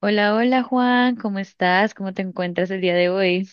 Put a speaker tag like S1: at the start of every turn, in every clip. S1: Hola, hola Juan, ¿cómo estás? ¿Cómo te encuentras el día de hoy?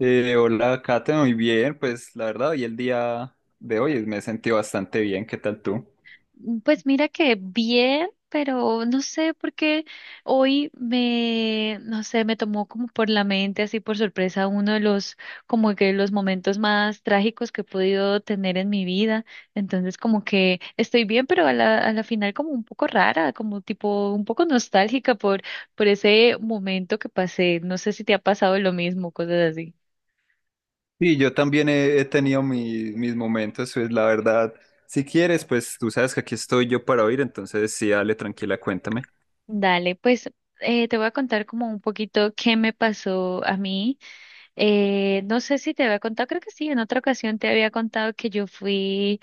S2: Hola, Kate, muy bien. Pues la verdad, hoy el día de hoy me he sentido bastante bien. ¿Qué tal tú?
S1: Pues mira que bien, pero no sé por qué hoy me, no sé, me tomó como por la mente, así por sorpresa, como que los momentos más trágicos que he podido tener en mi vida. Entonces como que estoy bien, pero a la final como un poco rara, como tipo un poco nostálgica por ese momento que pasé. No sé si te ha pasado lo mismo, cosas así.
S2: Sí, yo también he tenido mis momentos, pues la verdad, si quieres, pues tú sabes que aquí estoy yo para oír, entonces sí, dale, tranquila, cuéntame.
S1: Dale, pues te voy a contar como un poquito qué me pasó a mí. No sé si te había contado, creo que sí, en otra ocasión te había contado que yo fui,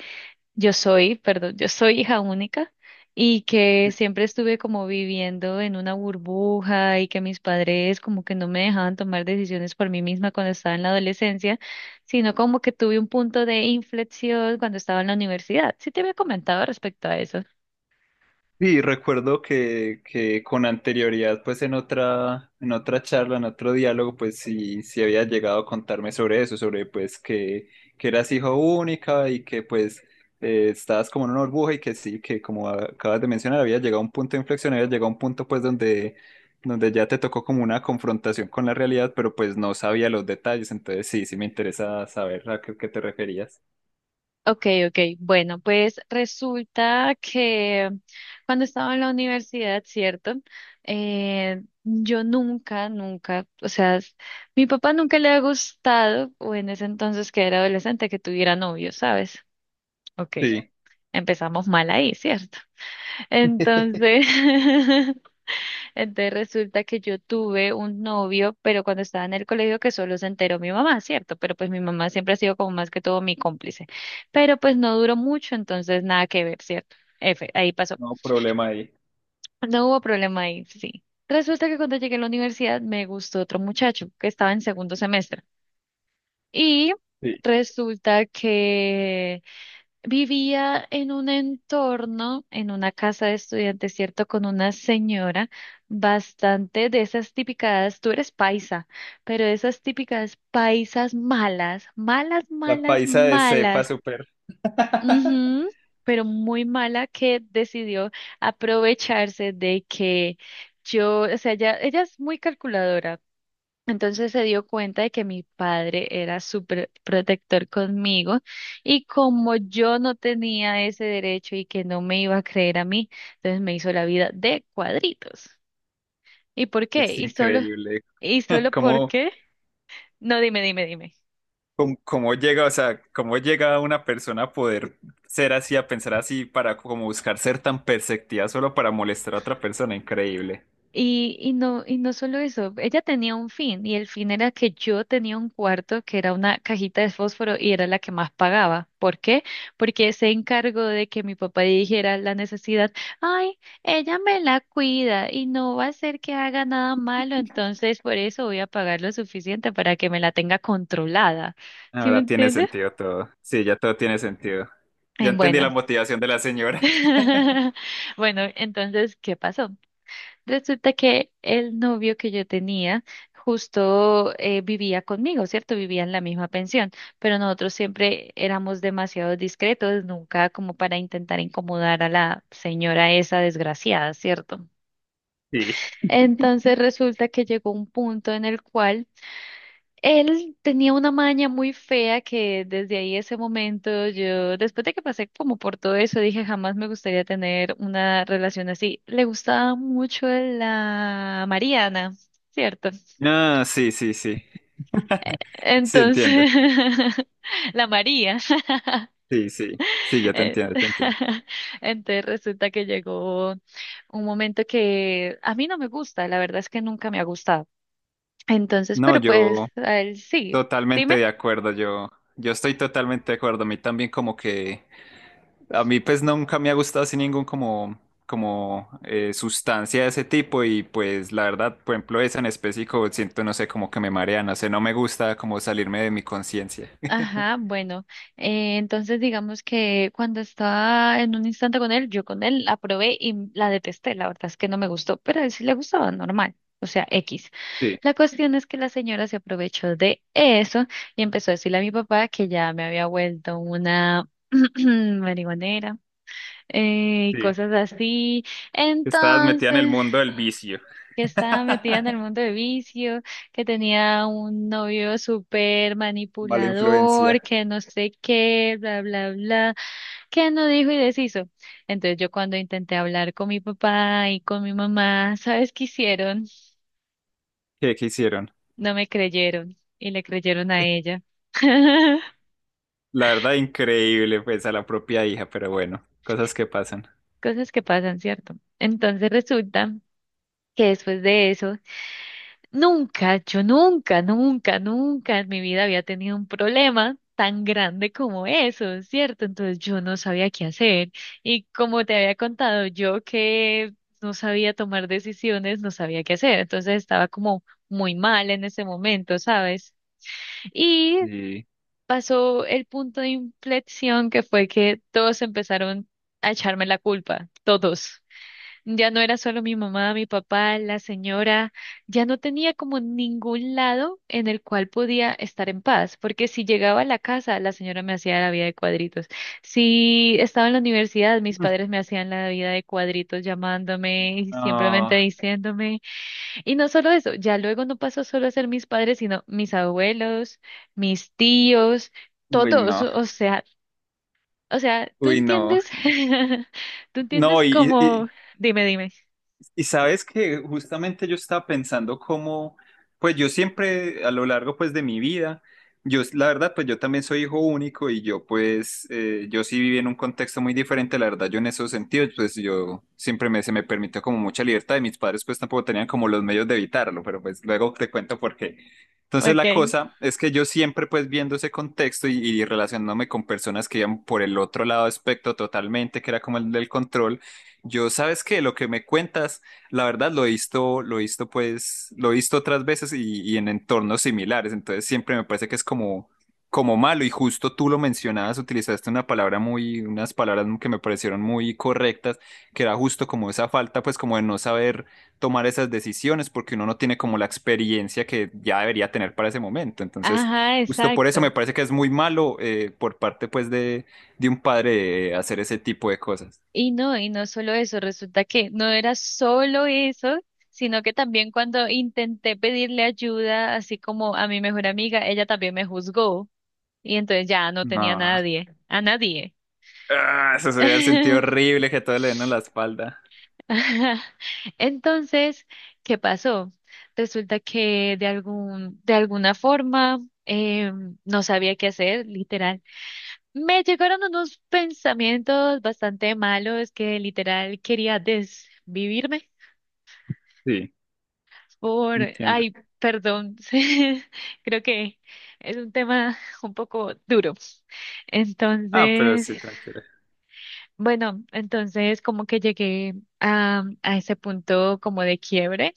S1: yo soy, perdón, yo soy hija única y que siempre estuve como viviendo en una burbuja y que mis padres como que no me dejaban tomar decisiones por mí misma cuando estaba en la adolescencia, sino como que tuve un punto de inflexión cuando estaba en la universidad. Sí te había comentado respecto a eso.
S2: Sí, recuerdo que con anterioridad, pues en otra charla, en otro diálogo, pues sí, sí había llegado a contarme sobre eso, sobre pues que eras hijo única y que pues estabas como en una burbuja y que sí, que como acabas de mencionar, había llegado a un punto de inflexión, había llegado a un punto pues donde ya te tocó como una confrontación con la realidad, pero pues no sabía los detalles, entonces sí, sí me interesa saber a qué te referías.
S1: Ok, ok. Bueno, pues resulta que cuando estaba en la universidad, ¿cierto? Yo nunca, nunca, o sea, s- Mi papá nunca le ha gustado, o en ese entonces que era adolescente, que tuviera novio, ¿sabes? Ok,
S2: Sí,
S1: empezamos mal ahí, ¿cierto? Entonces, entonces resulta que yo tuve un novio, pero cuando estaba en el colegio que solo se enteró mi mamá, ¿cierto? Pero pues mi mamá siempre ha sido como más que todo mi cómplice. Pero pues no duró mucho, entonces nada que ver, ¿cierto? Ahí pasó.
S2: no problema ahí.
S1: No hubo problema ahí, sí. Resulta que cuando llegué a la universidad me gustó otro muchacho que estaba en segundo semestre. Y
S2: Sí,
S1: resulta que vivía en un entorno, en una casa de estudiantes, ¿cierto? Con una señora bastante de esas típicas, tú eres paisa, pero de esas típicas paisas malas, malas,
S2: la
S1: malas,
S2: paisa de cepa.
S1: malas, ujú, pero muy mala que decidió aprovecharse de que yo, o sea, ella es muy calculadora. Entonces se dio cuenta de que mi padre era súper protector conmigo y como yo no tenía ese derecho y que no me iba a creer a mí, entonces me hizo la vida de cuadritos. ¿Y por qué?
S2: Es
S1: ¿Y solo,
S2: increíble.
S1: y solo por
S2: cómo,
S1: qué? No, dime, dime, dime.
S2: Cómo llega, o sea, cómo llega una persona a poder ser así, a pensar así, para como buscar ser tan perceptiva solo para molestar a otra persona. Increíble.
S1: Y no solo eso, ella tenía un fin, y el fin era que yo tenía un cuarto que era una cajita de fósforo y era la que más pagaba. ¿Por qué? Porque se encargó de que mi papá dijera la necesidad, ay, ella me la cuida y no va a hacer que haga nada malo, entonces por eso voy a pagar lo suficiente para que me la tenga controlada. ¿Sí me
S2: Ahora tiene
S1: entiendes?
S2: sentido todo. Sí, ya todo tiene sentido. Ya entendí la
S1: Bueno.
S2: motivación de la señora.
S1: Bueno, entonces, ¿qué pasó? Resulta que el novio que yo tenía justo vivía conmigo, ¿cierto? Vivía en la misma pensión, pero nosotros siempre éramos demasiado discretos, nunca como para intentar incomodar a la señora esa desgraciada, ¿cierto?
S2: Sí.
S1: Entonces resulta que llegó un punto en el cual él tenía una maña muy fea que desde ahí ese momento yo, después de que pasé como por todo eso, dije jamás me gustaría tener una relación así. Le gustaba mucho la Mariana, ¿cierto?
S2: Ah, sí, sí, sí. Sí, entiendo.
S1: Entonces, la María.
S2: Sí, sí. Sí, ya te
S1: Eh,
S2: entiendo, te entiendo.
S1: entonces resulta que llegó un momento que a mí no me gusta, la verdad es que nunca me ha gustado. Entonces,
S2: No,
S1: pero pues
S2: yo.
S1: a él sí.
S2: Totalmente
S1: Dime.
S2: de acuerdo, yo estoy totalmente de acuerdo. A mí también como que, a mí pues nunca me ha gustado así ningún como, como sustancia de ese tipo y pues la verdad, por ejemplo, esa en específico siento, no sé, como que me marea, no sé, no me gusta como salirme de mi conciencia.
S1: Ajá, bueno, entonces digamos que cuando estaba en un instante con él, yo con él la probé y la detesté, la verdad es que no me gustó, pero a él sí le gustaba, normal, o sea, X.
S2: Sí,
S1: La cuestión es que la señora se aprovechó de eso y empezó a decirle a mi papá que ya me había vuelto una marihuanera y
S2: sí.
S1: cosas así.
S2: Estabas metida en el
S1: Entonces,
S2: mundo del vicio.
S1: que estaba metida en el mundo de vicio, que tenía un novio súper
S2: Mala
S1: manipulador,
S2: influencia.
S1: que no sé qué, bla, bla, bla, que no dijo y deshizo. Entonces yo cuando intenté hablar con mi papá y con mi mamá, ¿sabes qué hicieron?
S2: Qué hicieron?
S1: No me creyeron y le creyeron a ella.
S2: La verdad, increíble, pues a la propia hija, pero bueno, cosas que pasan.
S1: Cosas que pasan, ¿cierto? Entonces resulta que después de eso nunca, yo nunca, nunca, nunca en mi vida había tenido un problema tan grande como eso, ¿cierto? Entonces yo no sabía qué hacer. Y como te había contado, yo que no sabía tomar decisiones, no sabía qué hacer. Entonces estaba como muy mal en ese momento, ¿sabes? Y
S2: Y...
S1: pasó el punto de inflexión que fue que todos empezaron a echarme la culpa, todos. Ya no era solo mi mamá, mi papá, la señora, ya no tenía como ningún lado en el cual podía estar en paz, porque si llegaba a la casa, la señora me hacía la vida de cuadritos. Si estaba en la universidad, mis padres me hacían la vida de cuadritos llamándome y simplemente
S2: No,
S1: diciéndome. Y no solo eso, ya luego no pasó solo a ser mis padres, sino mis abuelos, mis tíos,
S2: Uy,
S1: todos,
S2: no,
S1: o sea, ¿tú
S2: uy, no.
S1: entiendes? ¿Tú entiendes
S2: No,
S1: cómo? Dime, dime.
S2: Y sabes que justamente yo estaba pensando cómo, pues yo siempre a lo largo pues de mi vida, yo la verdad pues yo también soy hijo único y yo pues yo sí viví en un contexto muy diferente, la verdad yo en esos sentidos pues yo siempre me, se me permitió como mucha libertad y mis padres pues tampoco tenían como los medios de evitarlo, pero pues luego te cuento por qué. Entonces la
S1: Ok.
S2: cosa es que yo siempre pues viendo ese contexto y relacionándome con personas que iban por el otro lado del espectro totalmente, que era como el del control, yo sabes que lo que me cuentas... La verdad lo he visto pues, lo he visto otras veces y en entornos similares, entonces siempre me parece que es como, como malo y justo tú lo mencionabas, utilizaste una palabra muy, unas palabras que me parecieron muy correctas, que era justo como esa falta pues como de no saber tomar esas decisiones porque uno no tiene como la experiencia que ya debería tener para ese momento, entonces
S1: Ajá,
S2: justo por eso me
S1: exacto.
S2: parece que es muy malo por parte de un padre hacer ese tipo de cosas.
S1: Y no solo eso, resulta que no era solo eso, sino que también cuando intenté pedirle ayuda, así como a mi mejor amiga, ella también me juzgó y entonces ya no tenía a
S2: No,
S1: nadie, a nadie.
S2: ah, eso se hubiera sentido horrible que todo le den a la espalda.
S1: Ajá. Entonces, ¿qué pasó? Resulta que de algún, de alguna forma no sabía qué hacer. Me llegaron unos pensamientos bastante malos que literal quería desvivirme
S2: Sí,
S1: por.
S2: entiendo.
S1: Ay, perdón. Creo que es un tema un poco duro.
S2: Ah, pero
S1: Entonces,
S2: sí, tranquila.
S1: bueno, entonces como que llegué a ese punto como de quiebre.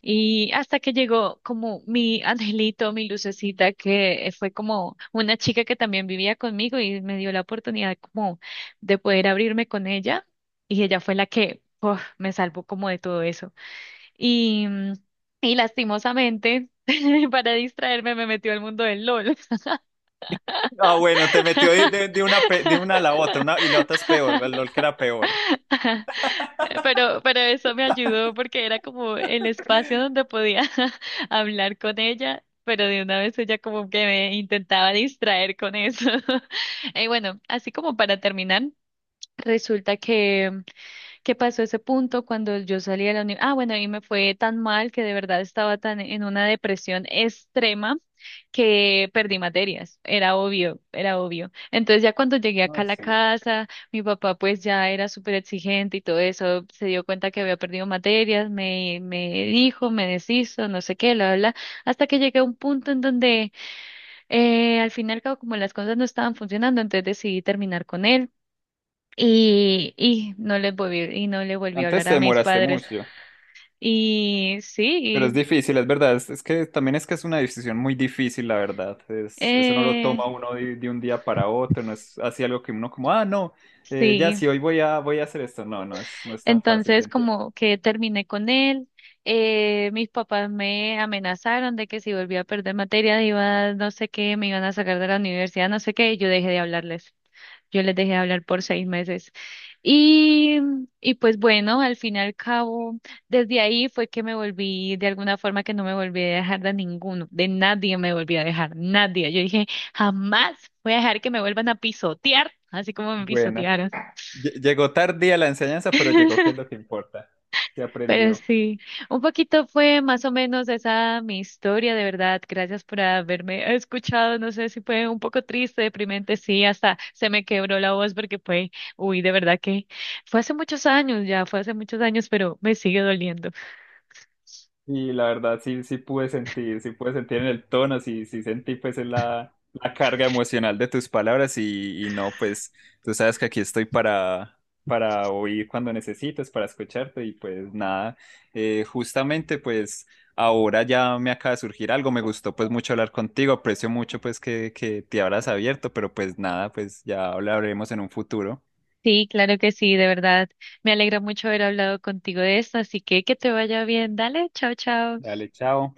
S1: Y hasta que llegó como mi angelito, mi lucecita, que fue como una chica que también vivía conmigo y me dio la oportunidad como de poder abrirme con ella. Y ella fue la que uf, me salvó como de todo eso. Y, mm, y lastimosamente, para distraerme, me metió al mundo del LOL.
S2: Ah, bueno, te metió de una, de una a la otra, una, y la otra es peor, la LOL que era peor.
S1: Pero eso me ayudó porque era como el espacio donde podía hablar con ella, pero de una vez ella como que me intentaba distraer con eso. Y bueno, así como para terminar, resulta que qué pasó ese punto cuando yo salí de la universidad. Ah, bueno, a mí me fue tan mal que de verdad estaba tan en una depresión extrema que perdí materias. Era obvio, era obvio. Entonces ya cuando llegué acá
S2: No,
S1: a la
S2: sí.
S1: casa, mi papá pues ya era súper exigente y todo eso, se dio cuenta que había perdido materias, me dijo, me deshizo, no sé qué, bla, bla, bla, hasta que llegué a un punto en donde al final como las cosas no estaban funcionando, entonces decidí terminar con él. Y no les volví, y no le volví a
S2: Antes
S1: hablar
S2: te
S1: a mis
S2: demoraste
S1: padres.
S2: mucho,
S1: Y
S2: pero
S1: sí,
S2: es difícil, es verdad. Es que también es que es una decisión muy difícil, la verdad. Es, eso no lo
S1: eh,
S2: toma uno de un día para otro, no es así algo que uno como, ah, no, ya
S1: sí.
S2: sí, hoy voy voy a hacer esto. No, no es, no es tan fácil, te
S1: Entonces
S2: entiendo.
S1: como que terminé con él. Mis papás me amenazaron de que si volvía a perder materia iba, no sé qué, me iban a sacar de la universidad, no sé qué, y yo dejé de hablarles. Yo les dejé de hablar por 6 meses. Y, y pues bueno, al fin y al cabo, desde ahí fue que me volví, de alguna forma que no me volví a dejar de ninguno, de nadie me volví a dejar, nadie. Yo dije, jamás voy a dejar que me vuelvan a pisotear, así como me
S2: Bueno.
S1: pisotearon.
S2: Llegó tardía la enseñanza, pero llegó, que es lo que importa. Se
S1: Pero
S2: aprendió.
S1: sí, un poquito fue más o menos esa mi historia, de verdad. Gracias por haberme escuchado. No sé si fue un poco triste, deprimente, sí, hasta se me quebró la voz porque fue, uy, de verdad que fue hace muchos años ya, fue hace muchos años, pero me sigue doliendo.
S2: Y la verdad, sí, sí pude sentir en el tono, sí, sí sentí pues en la, la carga emocional de tus palabras y no, pues tú sabes que aquí estoy para oír cuando necesites, para escucharte y pues nada, justamente pues ahora ya me acaba de surgir algo, me gustó pues mucho hablar contigo, aprecio mucho pues que te habrás abierto, pero pues nada, pues ya hablaremos en un futuro.
S1: Sí, claro que sí, de verdad. Me alegra mucho haber hablado contigo de esto, así que te vaya bien. Dale, chao, chao.
S2: Dale, chao.